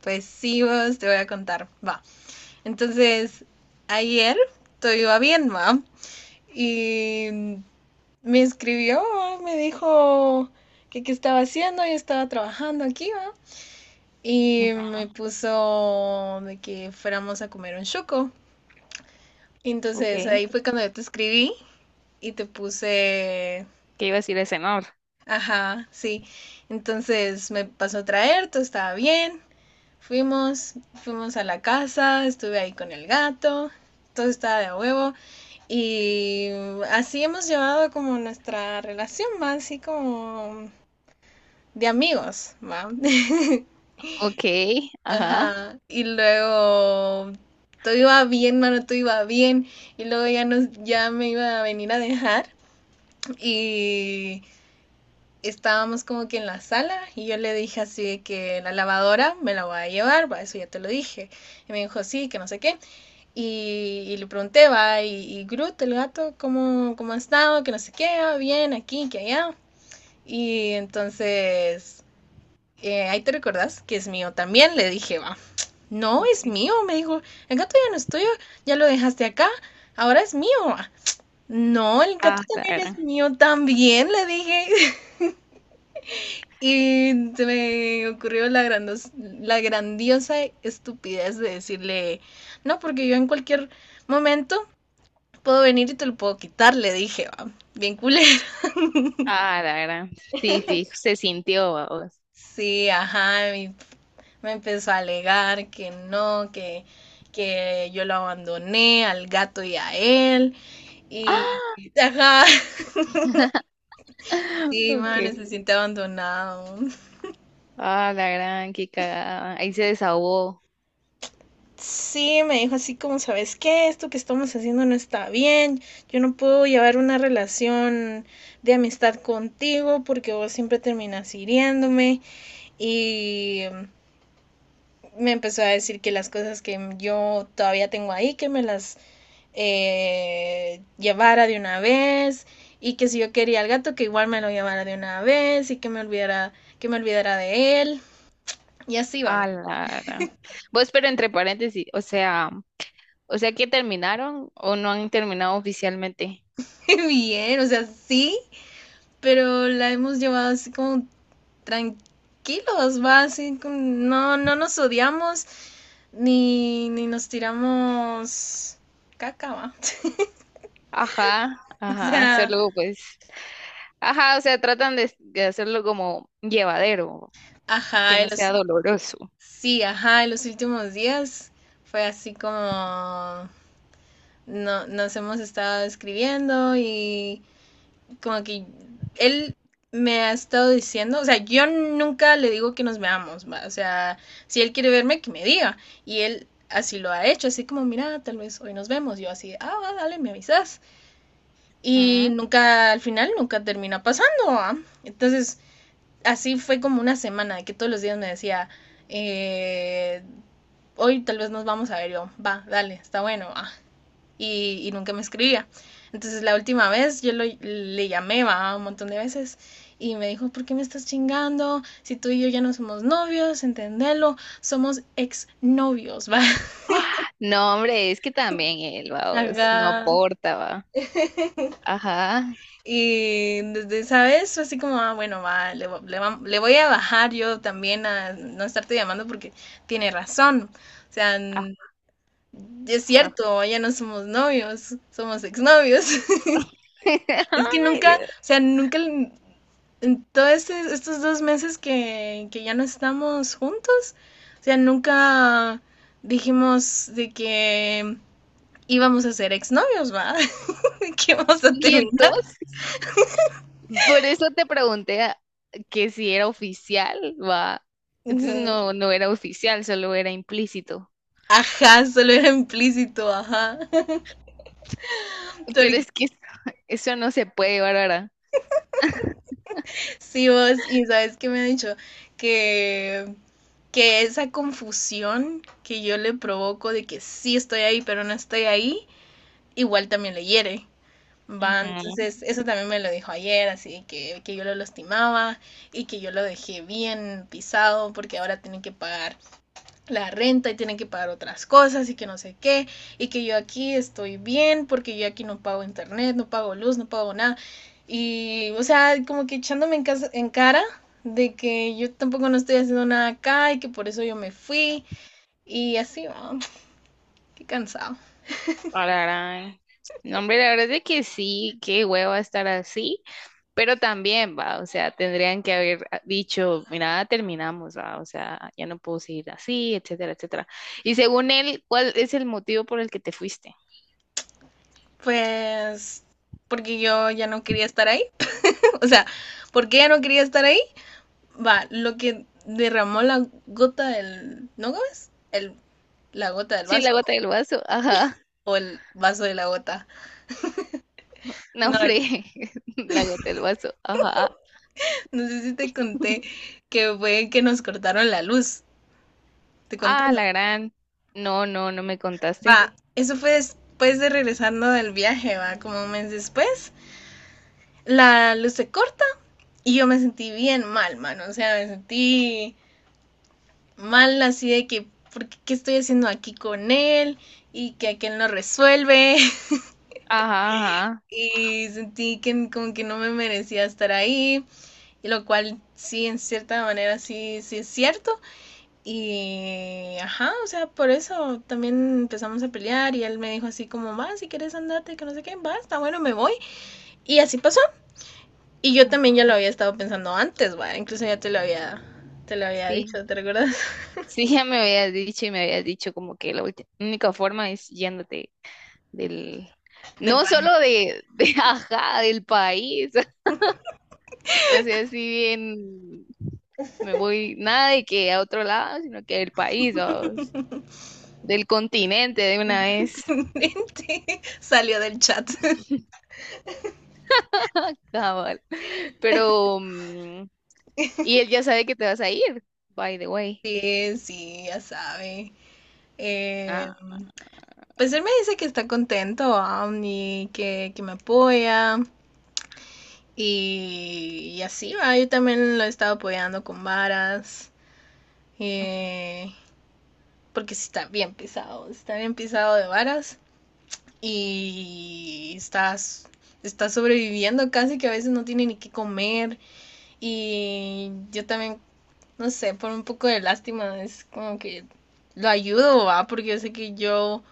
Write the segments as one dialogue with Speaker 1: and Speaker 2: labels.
Speaker 1: Pues sí, vos te voy a contar, va. Entonces, ayer todo iba bien, va. Y me escribió, va, me dijo que qué estaba haciendo, yo estaba trabajando aquí, va. Y
Speaker 2: Ujú.
Speaker 1: me puso de que fuéramos a comer un chuco. Y
Speaker 2: Ok,
Speaker 1: entonces
Speaker 2: ¿qué
Speaker 1: ahí fue cuando yo te escribí y te puse,
Speaker 2: iba a decir ese amor?
Speaker 1: ajá, sí. Entonces me pasó a traer, todo estaba bien. Fuimos a la casa, estuve ahí con el gato, todo estaba de a huevo y así hemos llevado como nuestra relación, más así como de amigos, ¿va?
Speaker 2: Ok, ajá.
Speaker 1: Ajá. Y luego todo iba bien, mano, todo iba bien. Y luego ya me iba a venir a dejar. Y estábamos como que en la sala y yo le dije así de que la lavadora me la voy a llevar, va, eso ya te lo dije. Y me dijo, sí, que no sé qué. Y le pregunté, va, y Groot, el gato, ¿cómo ha estado? Que no sé qué, ah, bien, aquí, que allá. Y entonces, ahí te recordás que es mío también, le dije, va. No,
Speaker 2: Ok.
Speaker 1: es mío, me dijo, el gato ya no es tuyo, ya lo dejaste acá, ahora es mío. Va". No, el gato
Speaker 2: Ah, la
Speaker 1: también es
Speaker 2: gran.
Speaker 1: mío, también, le dije. Y se me ocurrió la grandiosa estupidez de decirle, no, porque yo en cualquier momento puedo venir y te lo puedo quitar, le dije, va, bien culero.
Speaker 2: Ah, la gran. Sí, sí, se sintió, vamos.
Speaker 1: Sí, ajá, y me empezó a alegar que no, que yo lo abandoné al gato y a él. Y,
Speaker 2: ¡Ah!
Speaker 1: ajá, sí,
Speaker 2: Ok.
Speaker 1: man, se siente abandonado.
Speaker 2: Ah, la gran, qué cagada. Ahí se desahogó.
Speaker 1: Sí, me dijo así como, ¿sabes qué? Esto que estamos haciendo no está bien. Yo no puedo llevar una relación de amistad contigo porque vos siempre terminas hiriéndome. Y me empezó a decir que las cosas que yo todavía tengo ahí, que me las llevara de una vez. Y que si yo quería al gato, que igual me lo llevara de una vez y que me olvidara de él. Y así
Speaker 2: Ah,
Speaker 1: vamos.
Speaker 2: la gran. Vos, pero entre paréntesis, o sea que terminaron o no han terminado oficialmente.
Speaker 1: Bien, o sea, sí, pero la hemos llevado así como tranquilos, va, así, no, no nos odiamos ni, ni nos tiramos caca, va.
Speaker 2: Ajá,
Speaker 1: O
Speaker 2: ajá,
Speaker 1: sea,
Speaker 2: solo pues. Ajá, o sea, tratan de hacerlo como llevadero, que
Speaker 1: ajá,
Speaker 2: no sea doloroso.
Speaker 1: sí, ajá, en los últimos días fue así como no, nos hemos estado escribiendo y como que él me ha estado diciendo, o sea, yo nunca le digo que nos veamos, ¿va? O sea, si él quiere verme, que me diga. Y él así lo ha hecho, así como, mira, tal vez hoy nos vemos, yo así, ah, va, dale, me avisas. Y nunca, al final, nunca termina pasando, ¿va? Entonces, así fue como una semana que todos los días me decía, eh, hoy tal vez nos vamos a ver yo, va, dale, está bueno, va, y nunca me escribía. Entonces la última vez yo le llamé, ¿va? Un montón de veces y me dijo, ¿por qué me estás chingando? Si tú y yo ya no somos novios, entendelo, somos exnovios, va.
Speaker 2: ¡Ah! No, hombre, es que también él, vamos, no
Speaker 1: Acá.
Speaker 2: aporta, va. Ajá.
Speaker 1: Y desde esa vez fue así como, ah, bueno, va, voy a bajar yo también a no estarte llamando porque tiene razón. O sea, es
Speaker 2: Ajá.
Speaker 1: cierto, ya no somos novios, somos exnovios. Es que
Speaker 2: Ay,
Speaker 1: nunca,
Speaker 2: Dios.
Speaker 1: o sea, nunca en todos estos dos meses que ya no estamos juntos, o sea, nunca dijimos de que íbamos a ser exnovios, ¿va? De que íbamos a
Speaker 2: Y
Speaker 1: terminar.
Speaker 2: entonces, por eso te pregunté que si era oficial, va. Entonces
Speaker 1: Ujú.
Speaker 2: no, no era oficial, solo era implícito.
Speaker 1: Ajá, solo era implícito, ajá.
Speaker 2: Pero
Speaker 1: Porque
Speaker 2: es que eso no se puede, Bárbara.
Speaker 1: sí, vos, y sabes qué me ha dicho que, que esa confusión que yo le provoco de que sí estoy ahí, pero no estoy ahí, igual también le hiere. Va,
Speaker 2: Ujú.
Speaker 1: entonces eso también me lo dijo ayer, así que yo lo lastimaba y que yo lo dejé bien pisado porque ahora tienen que pagar la renta y tienen que pagar otras cosas y que no sé qué y que yo aquí estoy bien porque yo aquí no pago internet, no pago luz, no pago nada y o sea, como que echándome en, casa, en cara de que yo tampoco no estoy haciendo nada acá y que por eso yo me fui y así, va, qué cansado.
Speaker 2: Ararán. No, hombre, la verdad es de que sí, qué hueva estar así. Pero también, va, o sea, tendrían que haber dicho, mira, terminamos, va, o sea, ya no puedo seguir así, etcétera, etcétera. Y según él, ¿cuál es el motivo por el que te fuiste?
Speaker 1: Pues porque yo ya no quería estar ahí. O sea, porque ella no quería estar ahí. Va, lo que derramó la gota del. ¿No Gómez? La gota del
Speaker 2: Sí, la
Speaker 1: vaso.
Speaker 2: gota del vaso, ajá.
Speaker 1: O el vaso de la gota.
Speaker 2: No,
Speaker 1: No,
Speaker 2: hombre, la gota del vaso, ajá.
Speaker 1: no sé si te conté que fue que nos cortaron la luz. Te conté,
Speaker 2: Ah, la
Speaker 1: no.
Speaker 2: gran. No, no, no me
Speaker 1: Va,
Speaker 2: contaste.
Speaker 1: eso fue después de regresando del viaje, va, como un mes después. La luz se corta y yo me sentí bien mal, mano. O sea, me sentí mal así de que, ¿por qué, qué estoy haciendo aquí con él? Y que aquel no resuelve.
Speaker 2: Ajá, ajá.
Speaker 1: Y sentí que como que no me merecía estar ahí, y lo cual sí, en cierta manera sí, sí es cierto. Y ajá, o sea, por eso también empezamos a pelear y él me dijo así como, va, si quieres andarte, que no sé qué, va, está bueno, me voy. Y así pasó. Y yo también ya lo
Speaker 2: Ajá.
Speaker 1: había estado pensando antes, va, incluso ya te lo había
Speaker 2: Sí,
Speaker 1: dicho, ¿te recuerdas?
Speaker 2: sí, ya me habías dicho y me habías dicho como que la única forma es yéndote del,
Speaker 1: Del
Speaker 2: no
Speaker 1: país.
Speaker 2: solo de ajá, del país. O sea, si bien me voy nada de que a otro lado, sino que del país o del continente de una vez.
Speaker 1: Salió del chat.
Speaker 2: Cabal. Pero, mm, y él ya sabe que te vas a ir, by the way.
Speaker 1: Sí, sí, ya sabe. Eh,
Speaker 2: Ah,
Speaker 1: Pues él me dice que está contento, y que me apoya. Y así va, yo también lo he estado apoyando con varas.
Speaker 2: ujú.
Speaker 1: eh, Porque sí está bien pisado de varas. Y está, está sobreviviendo casi que a veces no tiene ni qué comer. Y yo también no sé, por un poco de lástima, es como que lo ayudo, ¿va? Porque yo sé que yo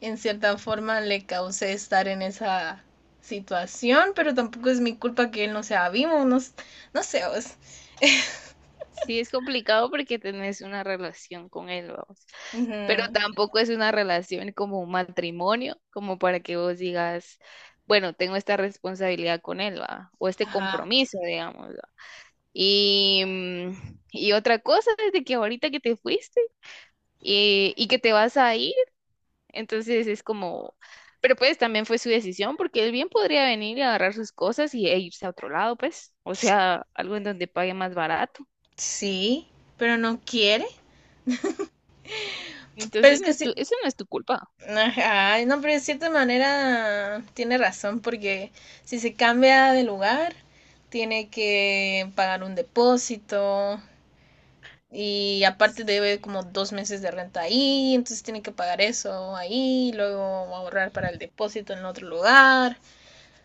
Speaker 1: en cierta forma le causé estar en esa situación, pero tampoco es mi culpa que él no sea vivo, no, no sé, vos.
Speaker 2: Sí, es complicado porque tenés una relación con él, vamos. Pero
Speaker 1: Ujú.
Speaker 2: tampoco es una relación como un matrimonio, como para que vos digas, bueno, tengo esta responsabilidad con él, va, o este
Speaker 1: Ajá.
Speaker 2: compromiso, digamos. Y otra cosa es de que ahorita que te fuiste y que te vas a ir, entonces es como, pero pues también fue su decisión porque él bien podría venir y agarrar sus cosas y, e irse a otro lado, pues, o sea, algo en donde pague más barato.
Speaker 1: Sí, pero no quiere. Pero es
Speaker 2: Entonces no
Speaker 1: que
Speaker 2: es
Speaker 1: sí,
Speaker 2: tu, eso no es tu culpa.
Speaker 1: ajá, no, pero de cierta manera tiene razón, porque si se cambia de lugar, tiene que pagar un depósito, y aparte debe como dos meses de renta ahí, entonces tiene que pagar eso ahí, y luego ahorrar para el depósito en otro lugar.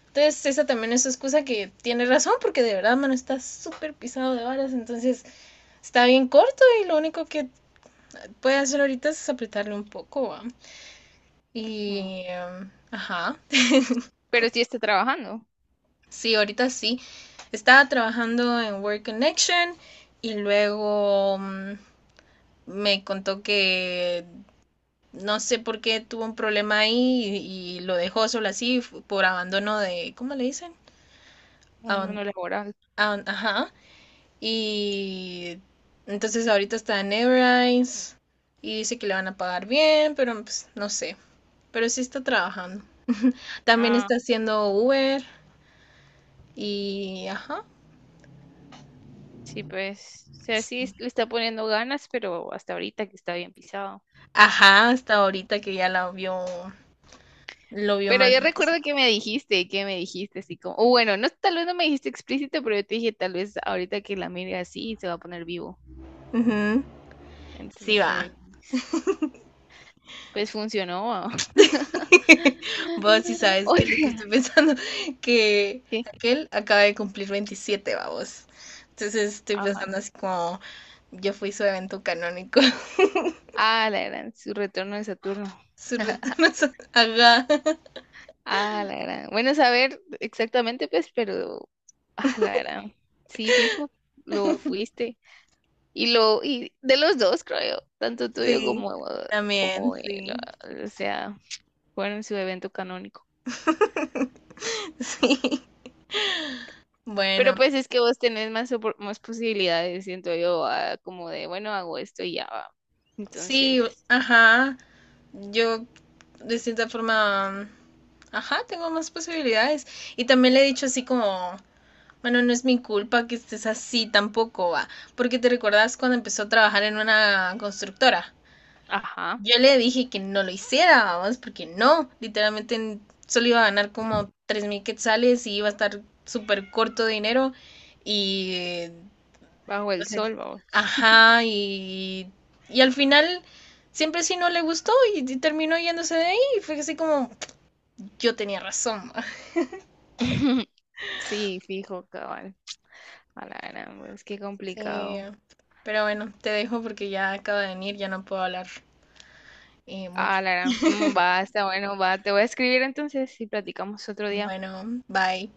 Speaker 1: Entonces esa también es su excusa que tiene razón porque de verdad, mano, está súper pisado de varas, entonces está bien corto y lo único que puede hacer ahorita es apretarle un poco, ¿va?
Speaker 2: Mm.
Speaker 1: Y, ajá,
Speaker 2: Pero sí está trabajando,
Speaker 1: sí, ahorita sí. Estaba trabajando en Work Connection y luego me contó que no sé por qué tuvo un problema ahí y lo dejó solo así por abandono de, ¿cómo le dicen?
Speaker 2: cuando
Speaker 1: Aban-
Speaker 2: no laboral.
Speaker 1: ajá. Y entonces ahorita está en Everines y dice que le van a pagar bien, pero pues no sé. Pero sí está trabajando. También
Speaker 2: Ah,
Speaker 1: está haciendo Uber y ajá.
Speaker 2: sí, pues, o sea, le está poniendo ganas, pero hasta ahorita que está bien pisado.
Speaker 1: Ajá, hasta ahorita que ya la vio, lo vio
Speaker 2: Pero
Speaker 1: más.
Speaker 2: yo recuerdo que me dijiste así como, o bueno, no, tal vez no me dijiste explícito, pero yo te dije, tal vez ahorita que la mire así se va a poner vivo.
Speaker 1: Ujú. Sí
Speaker 2: Entonces,
Speaker 1: va.
Speaker 2: pues funcionó.
Speaker 1: Vos sí sabes
Speaker 2: O
Speaker 1: que lo que
Speaker 2: sea,
Speaker 1: estoy pensando, que
Speaker 2: ¿qué?
Speaker 1: aquel acaba de cumplir 27, vamos. Entonces estoy
Speaker 2: Ajá.
Speaker 1: pensando así como yo fui su evento canónico,
Speaker 2: Ah, la gran, su retorno de Saturno.
Speaker 1: su retorno a Ajá,
Speaker 2: Ah, la gran. Bueno, saber exactamente, pues, pero, ah, la gran. Sí, fijo, lo fuiste. Y lo, y de los dos, creo yo, tanto tuyo
Speaker 1: sí,
Speaker 2: como,
Speaker 1: también,
Speaker 2: como,
Speaker 1: sí,
Speaker 2: el, o sea, fueron su evento canónico.
Speaker 1: sí.
Speaker 2: Pero
Speaker 1: Bueno,
Speaker 2: pues es que vos tenés más, más posibilidades, siento yo, como de, bueno, hago esto y ya va. Entonces,
Speaker 1: sí, ajá, yo de cierta forma, ajá, tengo más posibilidades. Y también le he dicho así como... Bueno, no es mi culpa que estés así tampoco, va. Porque te recordás cuando empezó a trabajar en una constructora.
Speaker 2: ajá,
Speaker 1: Yo le dije que no lo hiciera, vamos, porque no. Literalmente solo iba a ganar como 3000 quetzales y iba a estar súper corto de dinero. Y.
Speaker 2: bajo el
Speaker 1: Entonces,
Speaker 2: sol, vamos.
Speaker 1: ajá, y. Y al final, siempre sí no le gustó y terminó yéndose de ahí. Y fue así como, yo tenía razón. Va.
Speaker 2: Sí, fijo, cabal. A la gran, pues qué
Speaker 1: Sí.
Speaker 2: complicado.
Speaker 1: Pero bueno, te dejo porque ya acaba de venir, ya no puedo hablar.
Speaker 2: A
Speaker 1: Mucho.
Speaker 2: la gran. Mm, va, está bueno, va. Te voy a escribir entonces y platicamos otro día.
Speaker 1: Bueno, bye.